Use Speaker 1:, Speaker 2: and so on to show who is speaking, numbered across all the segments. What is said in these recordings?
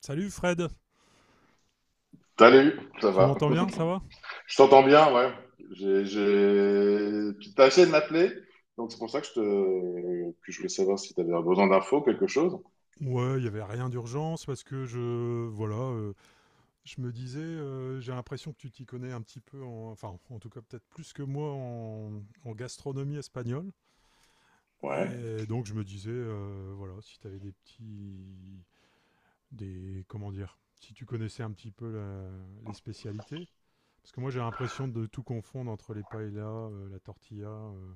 Speaker 1: Salut Fred,
Speaker 2: Salut, ça
Speaker 1: tu
Speaker 2: va.
Speaker 1: m'entends bien, ça va.
Speaker 2: Je t'entends bien, ouais. Tu t'as essayé de m'appeler, donc c'est pour ça que que je voulais savoir si tu avais besoin d'infos, quelque chose.
Speaker 1: Ouais, il y avait rien d'urgence parce que je voilà, je me disais j'ai l'impression que tu t'y connais un petit peu en enfin en tout cas peut-être plus que moi en gastronomie espagnole
Speaker 2: Ouais.
Speaker 1: et donc je me disais voilà, si tu avais des petits des comment dire, si tu connaissais un petit peu les spécialités parce que moi j'ai l'impression de tout confondre entre les paellas, la tortilla,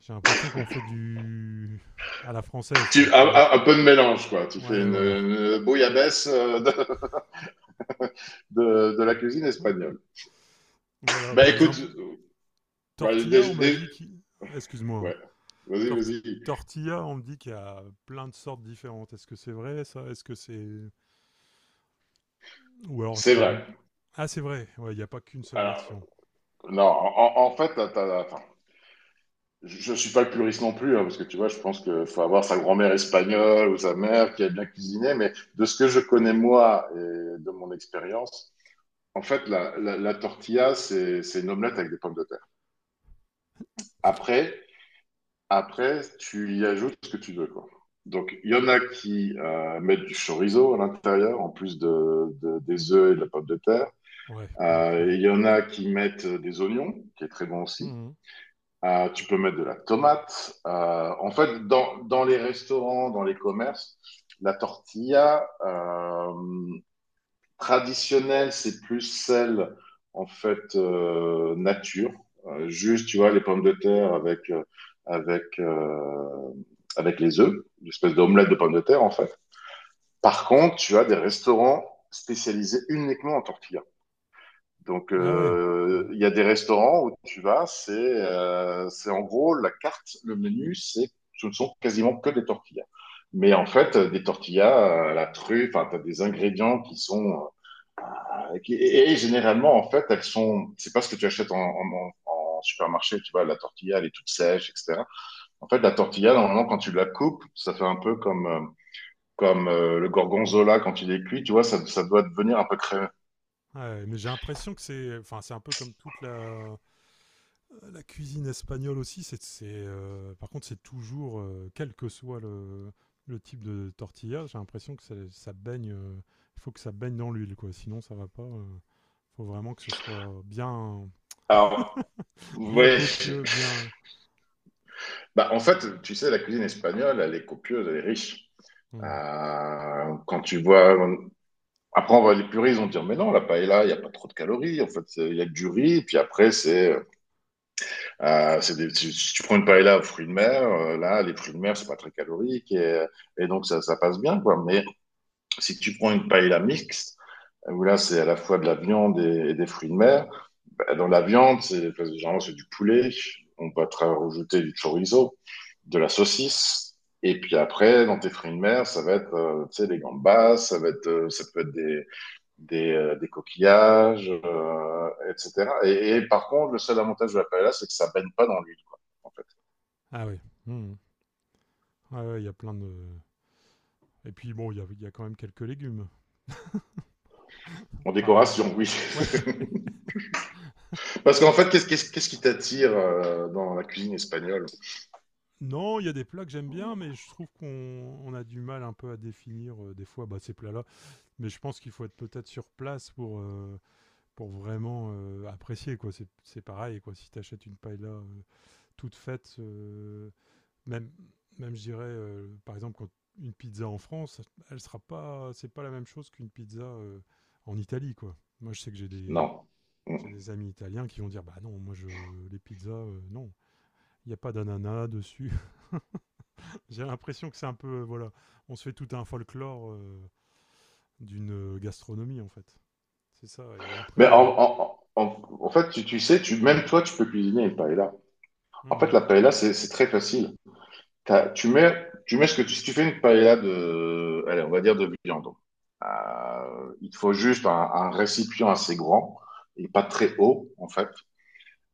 Speaker 1: j'ai l'impression qu'on fait du à la française quoi, c'est
Speaker 2: Un,
Speaker 1: notre.
Speaker 2: un- un peu de mélange, quoi. Tu fais
Speaker 1: Ouais,
Speaker 2: une,
Speaker 1: voilà.
Speaker 2: une bouillabaisse de la cuisine espagnole.
Speaker 1: Voilà,
Speaker 2: Bah
Speaker 1: par
Speaker 2: écoute,
Speaker 1: exemple,
Speaker 2: bah,
Speaker 1: tortilla, on m'a dit qu'il... Excuse-moi, hein.
Speaker 2: ouais. Vas-y,
Speaker 1: Tor-
Speaker 2: vas-y.
Speaker 1: tortilla, on me dit qu'il y a plein de sortes différentes. Est-ce que c'est vrai, ça? Est-ce que c'est... ou alors, est-ce
Speaker 2: C'est
Speaker 1: qu'il y a...
Speaker 2: vrai.
Speaker 1: une- Ah, c'est vrai. Ouais, il n'y a pas qu'une seule
Speaker 2: Alors,
Speaker 1: version.
Speaker 2: non, en fait, enfin, je ne suis pas le puriste non plus, hein, parce que tu vois, je pense qu'il faut avoir sa grand-mère espagnole ou sa mère qui a bien cuisiné, mais de ce que je connais moi et de mon expérience, en fait, la tortilla, c'est une omelette avec des pommes de terre. Après, après, tu y ajoutes ce que tu veux, quoi. Donc, il y en a qui mettent du chorizo à l'intérieur, en plus des œufs et de la pomme de terre.
Speaker 1: Ouais, bon, c'est-.
Speaker 2: Il y en a qui mettent des oignons, qui est très bon aussi.
Speaker 1: Mhm.
Speaker 2: Tu peux mettre de la tomate. En fait, dans les restaurants, dans les commerces, la tortilla traditionnelle, c'est plus celle en fait, nature. Juste, tu vois, les pommes de terre avec euh, avec les œufs, une espèce d'omelette de pommes de terre en fait. Par contre, tu as des restaurants spécialisés uniquement en tortilla. Donc,
Speaker 1: Ah ouais.
Speaker 2: il y a des restaurants où tu vas, c'est en gros la carte, le menu, c'est ce ne sont quasiment que des tortillas. Mais en fait, des tortillas, la truffe, enfin, t'as des ingrédients qui sont et généralement en fait, elles sont. C'est pas ce que tu achètes en supermarché, tu vois. La tortilla, elle est toute sèche, etc. En fait, la tortilla, normalement, quand tu la coupes, ça fait un peu comme comme le gorgonzola quand il est cuit, tu vois, ça doit devenir un peu crémeux.
Speaker 1: Ouais, mais j'ai l'impression que c'est... enfin, c'est un peu comme toute la... la cuisine espagnole aussi, c'est par contre, c'est toujours, quel que soit le type de tortilla, j'ai l'impression que ça baigne, il faut que ça baigne dans l'huile, quoi. Sinon, ça va pas. Faut vraiment que ce soit bien,
Speaker 2: Alors,
Speaker 1: bien
Speaker 2: ouais.
Speaker 1: copieux, bien.
Speaker 2: Bah, en fait, tu sais, la cuisine espagnole, elle est copieuse, elle est riche.
Speaker 1: Hmm.
Speaker 2: Quand tu vois, après, les puristes vont dire, mais non, la paella, il n'y a pas trop de calories. En fait, il y a que du riz. Puis après, c'est des- si si tu prends une paella aux fruits de mer, là, les fruits de mer, c'est pas très calorique, et donc ça passe bien, quoi. Mais si tu prends une paella mixte, où là, c'est à la fois de la viande et des fruits de mer, bah, dans la viande, c'est parce que généralement c'est du poulet. On va te rajouter du chorizo, de la saucisse. Et puis après, dans tes fruits de mer, ça va être, tu sais, les gambas, ça peut être des coquillages, etc. Et par contre, le seul avantage de la paella, c'est que ça baigne pas dans l'huile, quoi, en fait.
Speaker 1: Ah oui. Hmm. Ah ouais, il y a plein de. Et puis bon, il y a quand même quelques légumes
Speaker 2: En
Speaker 1: parmi.
Speaker 2: décoration, oui.
Speaker 1: Ouais.
Speaker 2: Parce qu'en fait, qu'est-ce qui t'attire dans la cuisine espagnole?
Speaker 1: Non, il y a des plats que j'aime bien, mais je trouve qu'on on a du mal un peu à définir des fois bah, ces plats-là. Mais je pense qu'il faut être peut-être sur place pour vraiment apprécier quoi. C'est pareil quoi. Si tu achètes une paella toute faite, même même je dirais par exemple quand une pizza en France, elle sera pas, c'est pas la même chose qu'une pizza en Italie quoi. Moi je sais que j'ai des
Speaker 2: Non.
Speaker 1: j'ai
Speaker 2: Mm.
Speaker 1: des amis italiens qui vont dire bah non moi je les pizzas non il n'y a pas d'ananas dessus. J'ai l'impression que c'est un peu voilà on se fait tout un folklore d'une gastronomie en fait. C'est ça et
Speaker 2: Mais
Speaker 1: après
Speaker 2: en,
Speaker 1: il-.
Speaker 2: en, en, en fait, tu sais, même toi, tu peux cuisiner une paella. En
Speaker 1: Mhm.
Speaker 2: fait, la paella, c'est très facile. Tu mets ce que tu, si tu fais une paella de, allez, on va dire de viande. Il te faut juste un récipient assez grand et pas très haut, en fait.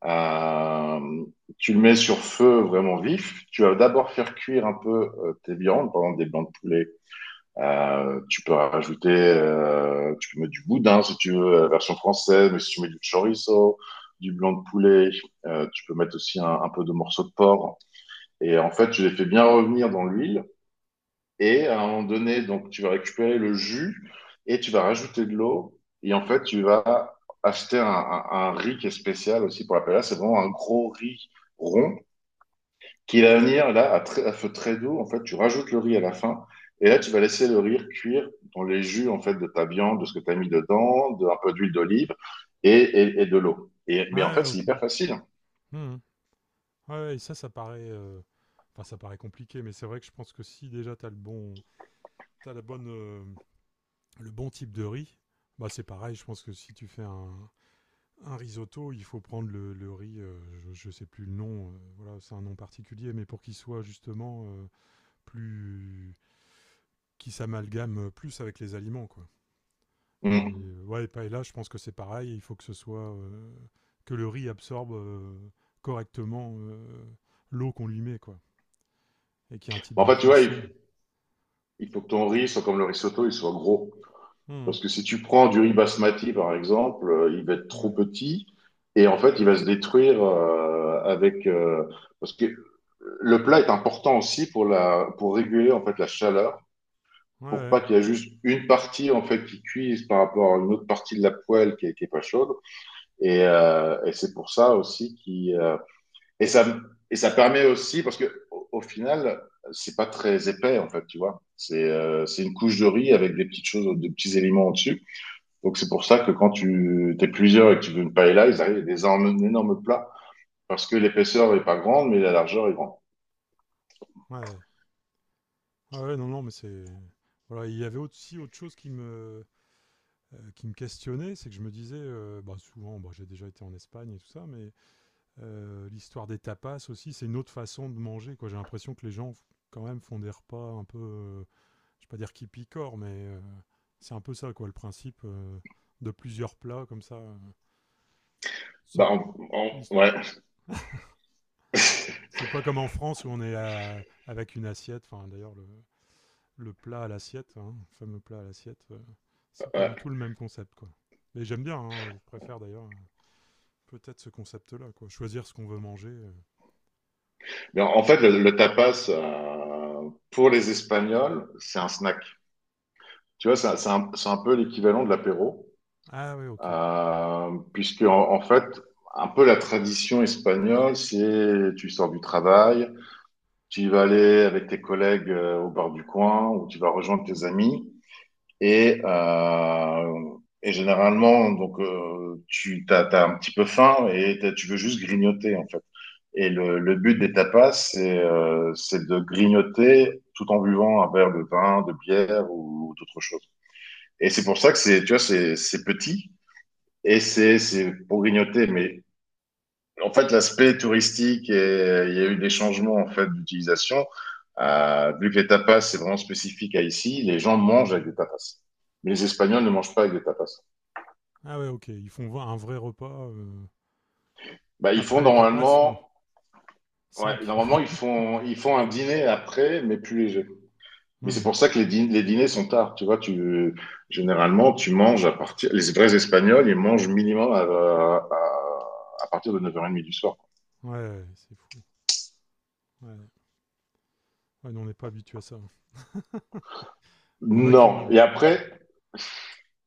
Speaker 2: Euh, tu le mets sur feu vraiment vif. Tu vas d'abord faire cuire un peu, tes viandes, par exemple des blancs de poulet. Tu peux mettre du boudin si tu veux, la version française, mais si tu mets du chorizo, du blanc de poulet, tu peux mettre aussi un peu de morceaux de porc. Et en fait, je l'ai fait bien revenir dans l'huile. Et à un moment donné, donc, tu vas récupérer le jus et tu vas rajouter de l'eau. Et en fait, tu vas acheter un riz qui est spécial aussi pour la paella. C'est vraiment un gros riz rond qui va venir là à feu très doux. En fait, tu rajoutes le riz à la fin. Et là, tu vas laisser le riz cuire dans les jus en fait de ta viande, de ce que tu as mis dedans, un peu d'huile d'olive et de l'eau. Mais en
Speaker 1: Ouais,
Speaker 2: fait, c'est
Speaker 1: ok.
Speaker 2: hyper facile.
Speaker 1: Mhm. Ouais, ouais, et ça paraît, enfin, ça paraît compliqué, mais c'est vrai que je pense que si déjà t'as le bon, t'as la bonne, le bon type de riz, bah c'est pareil. Je pense que si tu fais un risotto, il faut prendre le riz, je sais plus le nom, voilà, c'est un nom particulier, mais pour qu'il soit justement plus, qui s'amalgame plus avec les aliments, quoi. Et
Speaker 2: Mm.
Speaker 1: ouais, et là, je pense que c'est pareil. Il faut que ce soit que le riz absorbe correctement l'eau qu'on lui met, quoi, et qu'il y ait un type
Speaker 2: En
Speaker 1: de
Speaker 2: fait, tu vois, il,
Speaker 1: cuisson.
Speaker 2: il faut que ton riz soit comme le risotto, il soit gros.
Speaker 1: Mmh.
Speaker 2: Parce que si tu prends du riz basmati, par exemple, il va être trop
Speaker 1: Ouais.
Speaker 2: petit et en fait, il va se détruire, parce que le plat est important aussi pour réguler en fait la chaleur,
Speaker 1: Ouais,
Speaker 2: pour
Speaker 1: ouais,
Speaker 2: pas qu'il y ait juste une partie en fait qui cuise par rapport à une autre partie de la poêle qui est pas chaude. Et c'est pour ça aussi et, ça, et ça permet aussi, parce que au final, c'est pas très épais en fait, tu vois. C'est une couche de riz avec des petites choses, des petits éléments au-dessus. Donc c'est pour ça que quand tu es plusieurs et que tu veux une paella, ils arrivent avec des énormes, énormes plats parce que l'épaisseur n'est pas grande, mais la largeur est grande.
Speaker 1: ouais. Ouais, ouais, non, non, mais c'est... voilà, il y avait aussi autre chose qui me questionnait, c'est que je me disais, bah, souvent, bah, j'ai déjà été en Espagne et tout ça, mais l'histoire des tapas aussi, c'est une autre façon de manger, quoi. J'ai l'impression que les gens, quand même, font des repas un peu, je vais pas dire qui picorent, mais c'est un peu ça, quoi, le principe de plusieurs plats, comme ça,
Speaker 2: Bah,
Speaker 1: sans... Mm.
Speaker 2: ouais.
Speaker 1: C'est pas comme en France où on est avec une assiette, enfin, d'ailleurs, le plat à l'assiette, hein, le fameux plat à l'assiette, c'est pas du
Speaker 2: Ouais.
Speaker 1: tout le même concept, quoi. Mais j'aime bien, hein, je préfère d'ailleurs peut-être ce concept-là, quoi. Choisir ce qu'on veut manger.
Speaker 2: Mais en fait, le tapas, pour les Espagnols, c'est un snack. Tu vois, c'est un peu l'équivalent de l'apéro,
Speaker 1: Ah ouais, ok.
Speaker 2: puisque en fait, un peu la tradition espagnole, c'est tu sors du travail, tu vas aller avec tes collègues, au bar du coin, ou tu vas rejoindre tes amis. Et, euh, et généralement, donc, t'as un petit peu faim et tu veux juste grignoter, en fait. Et le but des tapas, c'est de grignoter tout en buvant un verre de vin, de bière ou d'autres choses. Et c'est pour ça que c'est, tu vois, c'est petit et c'est pour grignoter, mais en fait, l'aspect touristique, il y a eu des changements en fait d'utilisation. Vu que les tapas, c'est vraiment spécifique à ici, les gens mangent avec des tapas. Mais les Espagnols ne mangent pas avec des tapas.
Speaker 1: Ah ouais, ok. Ils font un vrai repas
Speaker 2: Bah, ils font
Speaker 1: après les tapas ou
Speaker 2: normalement, ouais,
Speaker 1: 5.
Speaker 2: normalement ils font, ils font un dîner après, mais plus léger. Mais c'est pour ça que les dîners sont tard. Tu vois, tu généralement tu manges à partir. Les vrais Espagnols, ils mangent minimum à partir de 9h30 du soir.
Speaker 1: Ouais, ouais, c'est fou. Ouais. Ouais, nous, on n'est pas habitué à ça. Il y en a qui
Speaker 2: Non.
Speaker 1: mangent.
Speaker 2: Et
Speaker 1: Ouais.
Speaker 2: après,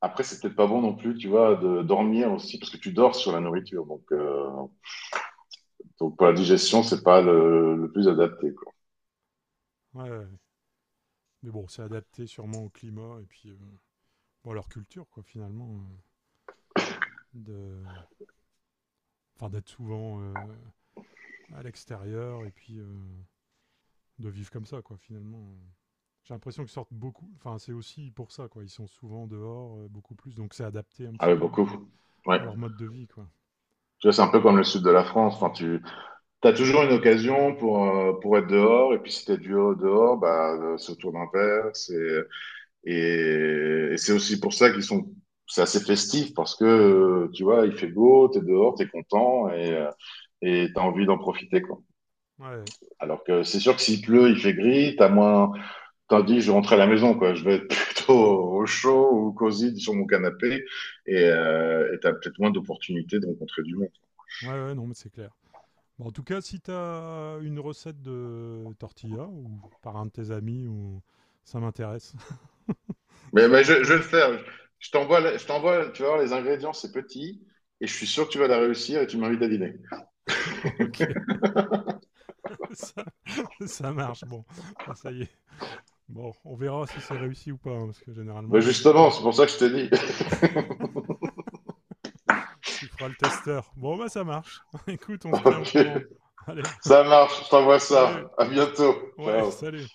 Speaker 2: C'est peut-être pas bon non plus, tu vois, de dormir aussi, parce que tu dors sur la nourriture. Donc pour la digestion, c'est pas le plus adapté, quoi.
Speaker 1: Ouais, ouais. Mais bon, c'est adapté sûrement au climat et puis bon, à leur culture, quoi, finalement. De... enfin, d'être souvent à l'extérieur et puis de vivre comme ça, quoi, finalement. J'ai l'impression qu'ils sortent beaucoup. Enfin, c'est aussi pour ça, quoi. Ils sont souvent dehors, beaucoup plus. Donc, c'est adapté un
Speaker 2: Ah
Speaker 1: petit
Speaker 2: oui,
Speaker 1: peu
Speaker 2: beaucoup. Ouais.
Speaker 1: à leur mode de vie, quoi.
Speaker 2: Tu vois, c'est un peu comme le sud de la France. Enfin, tu as toujours une occasion pour être dehors. Et puis, si t'es du haut dehors, bah, c'est autour d'un verre. Et c'est aussi pour ça qu'ils sont, c'est assez festif parce que, tu vois, il fait beau, t'es dehors, t'es content et t'as envie d'en profiter, quoi.
Speaker 1: Ouais, ouais,
Speaker 2: Alors que c'est sûr que s'il pleut, il fait gris, t'as moins, tandis que je rentre à la maison, quoi. Je vais être plutôt au chaud ou cosy sur mon canapé et t'as peut-être moins d'opportunités de rencontrer du monde.
Speaker 1: ouais, non, mais c'est clair. Bon, en tout cas, si t'as une recette de tortilla ou par un de tes amis ou ça m'intéresse.
Speaker 2: Mais,
Speaker 1: Si
Speaker 2: mais
Speaker 1: t'en
Speaker 2: je vais
Speaker 1: retrouves,
Speaker 2: le
Speaker 1: une.
Speaker 2: faire. Je t'envoie, tu vas voir, les ingrédients, c'est petit et je suis sûr que tu vas la réussir et tu m'invites à dîner.
Speaker 1: Ok, ça, ça marche. Bon, ah, ça y est. Bon, on verra si c'est réussi ou pas, hein, parce que
Speaker 2: Bah
Speaker 1: généralement, c'est
Speaker 2: justement,
Speaker 1: comme.
Speaker 2: c'est pour ça que je t'ai dit.
Speaker 1: Tu feras le testeur. Bon, bah ça marche. Écoute, on se tient au
Speaker 2: Ok,
Speaker 1: courant. Allez,
Speaker 2: ça marche, je t'envoie ça.
Speaker 1: salut.
Speaker 2: À bientôt.
Speaker 1: Ouais,
Speaker 2: Ciao.
Speaker 1: salut.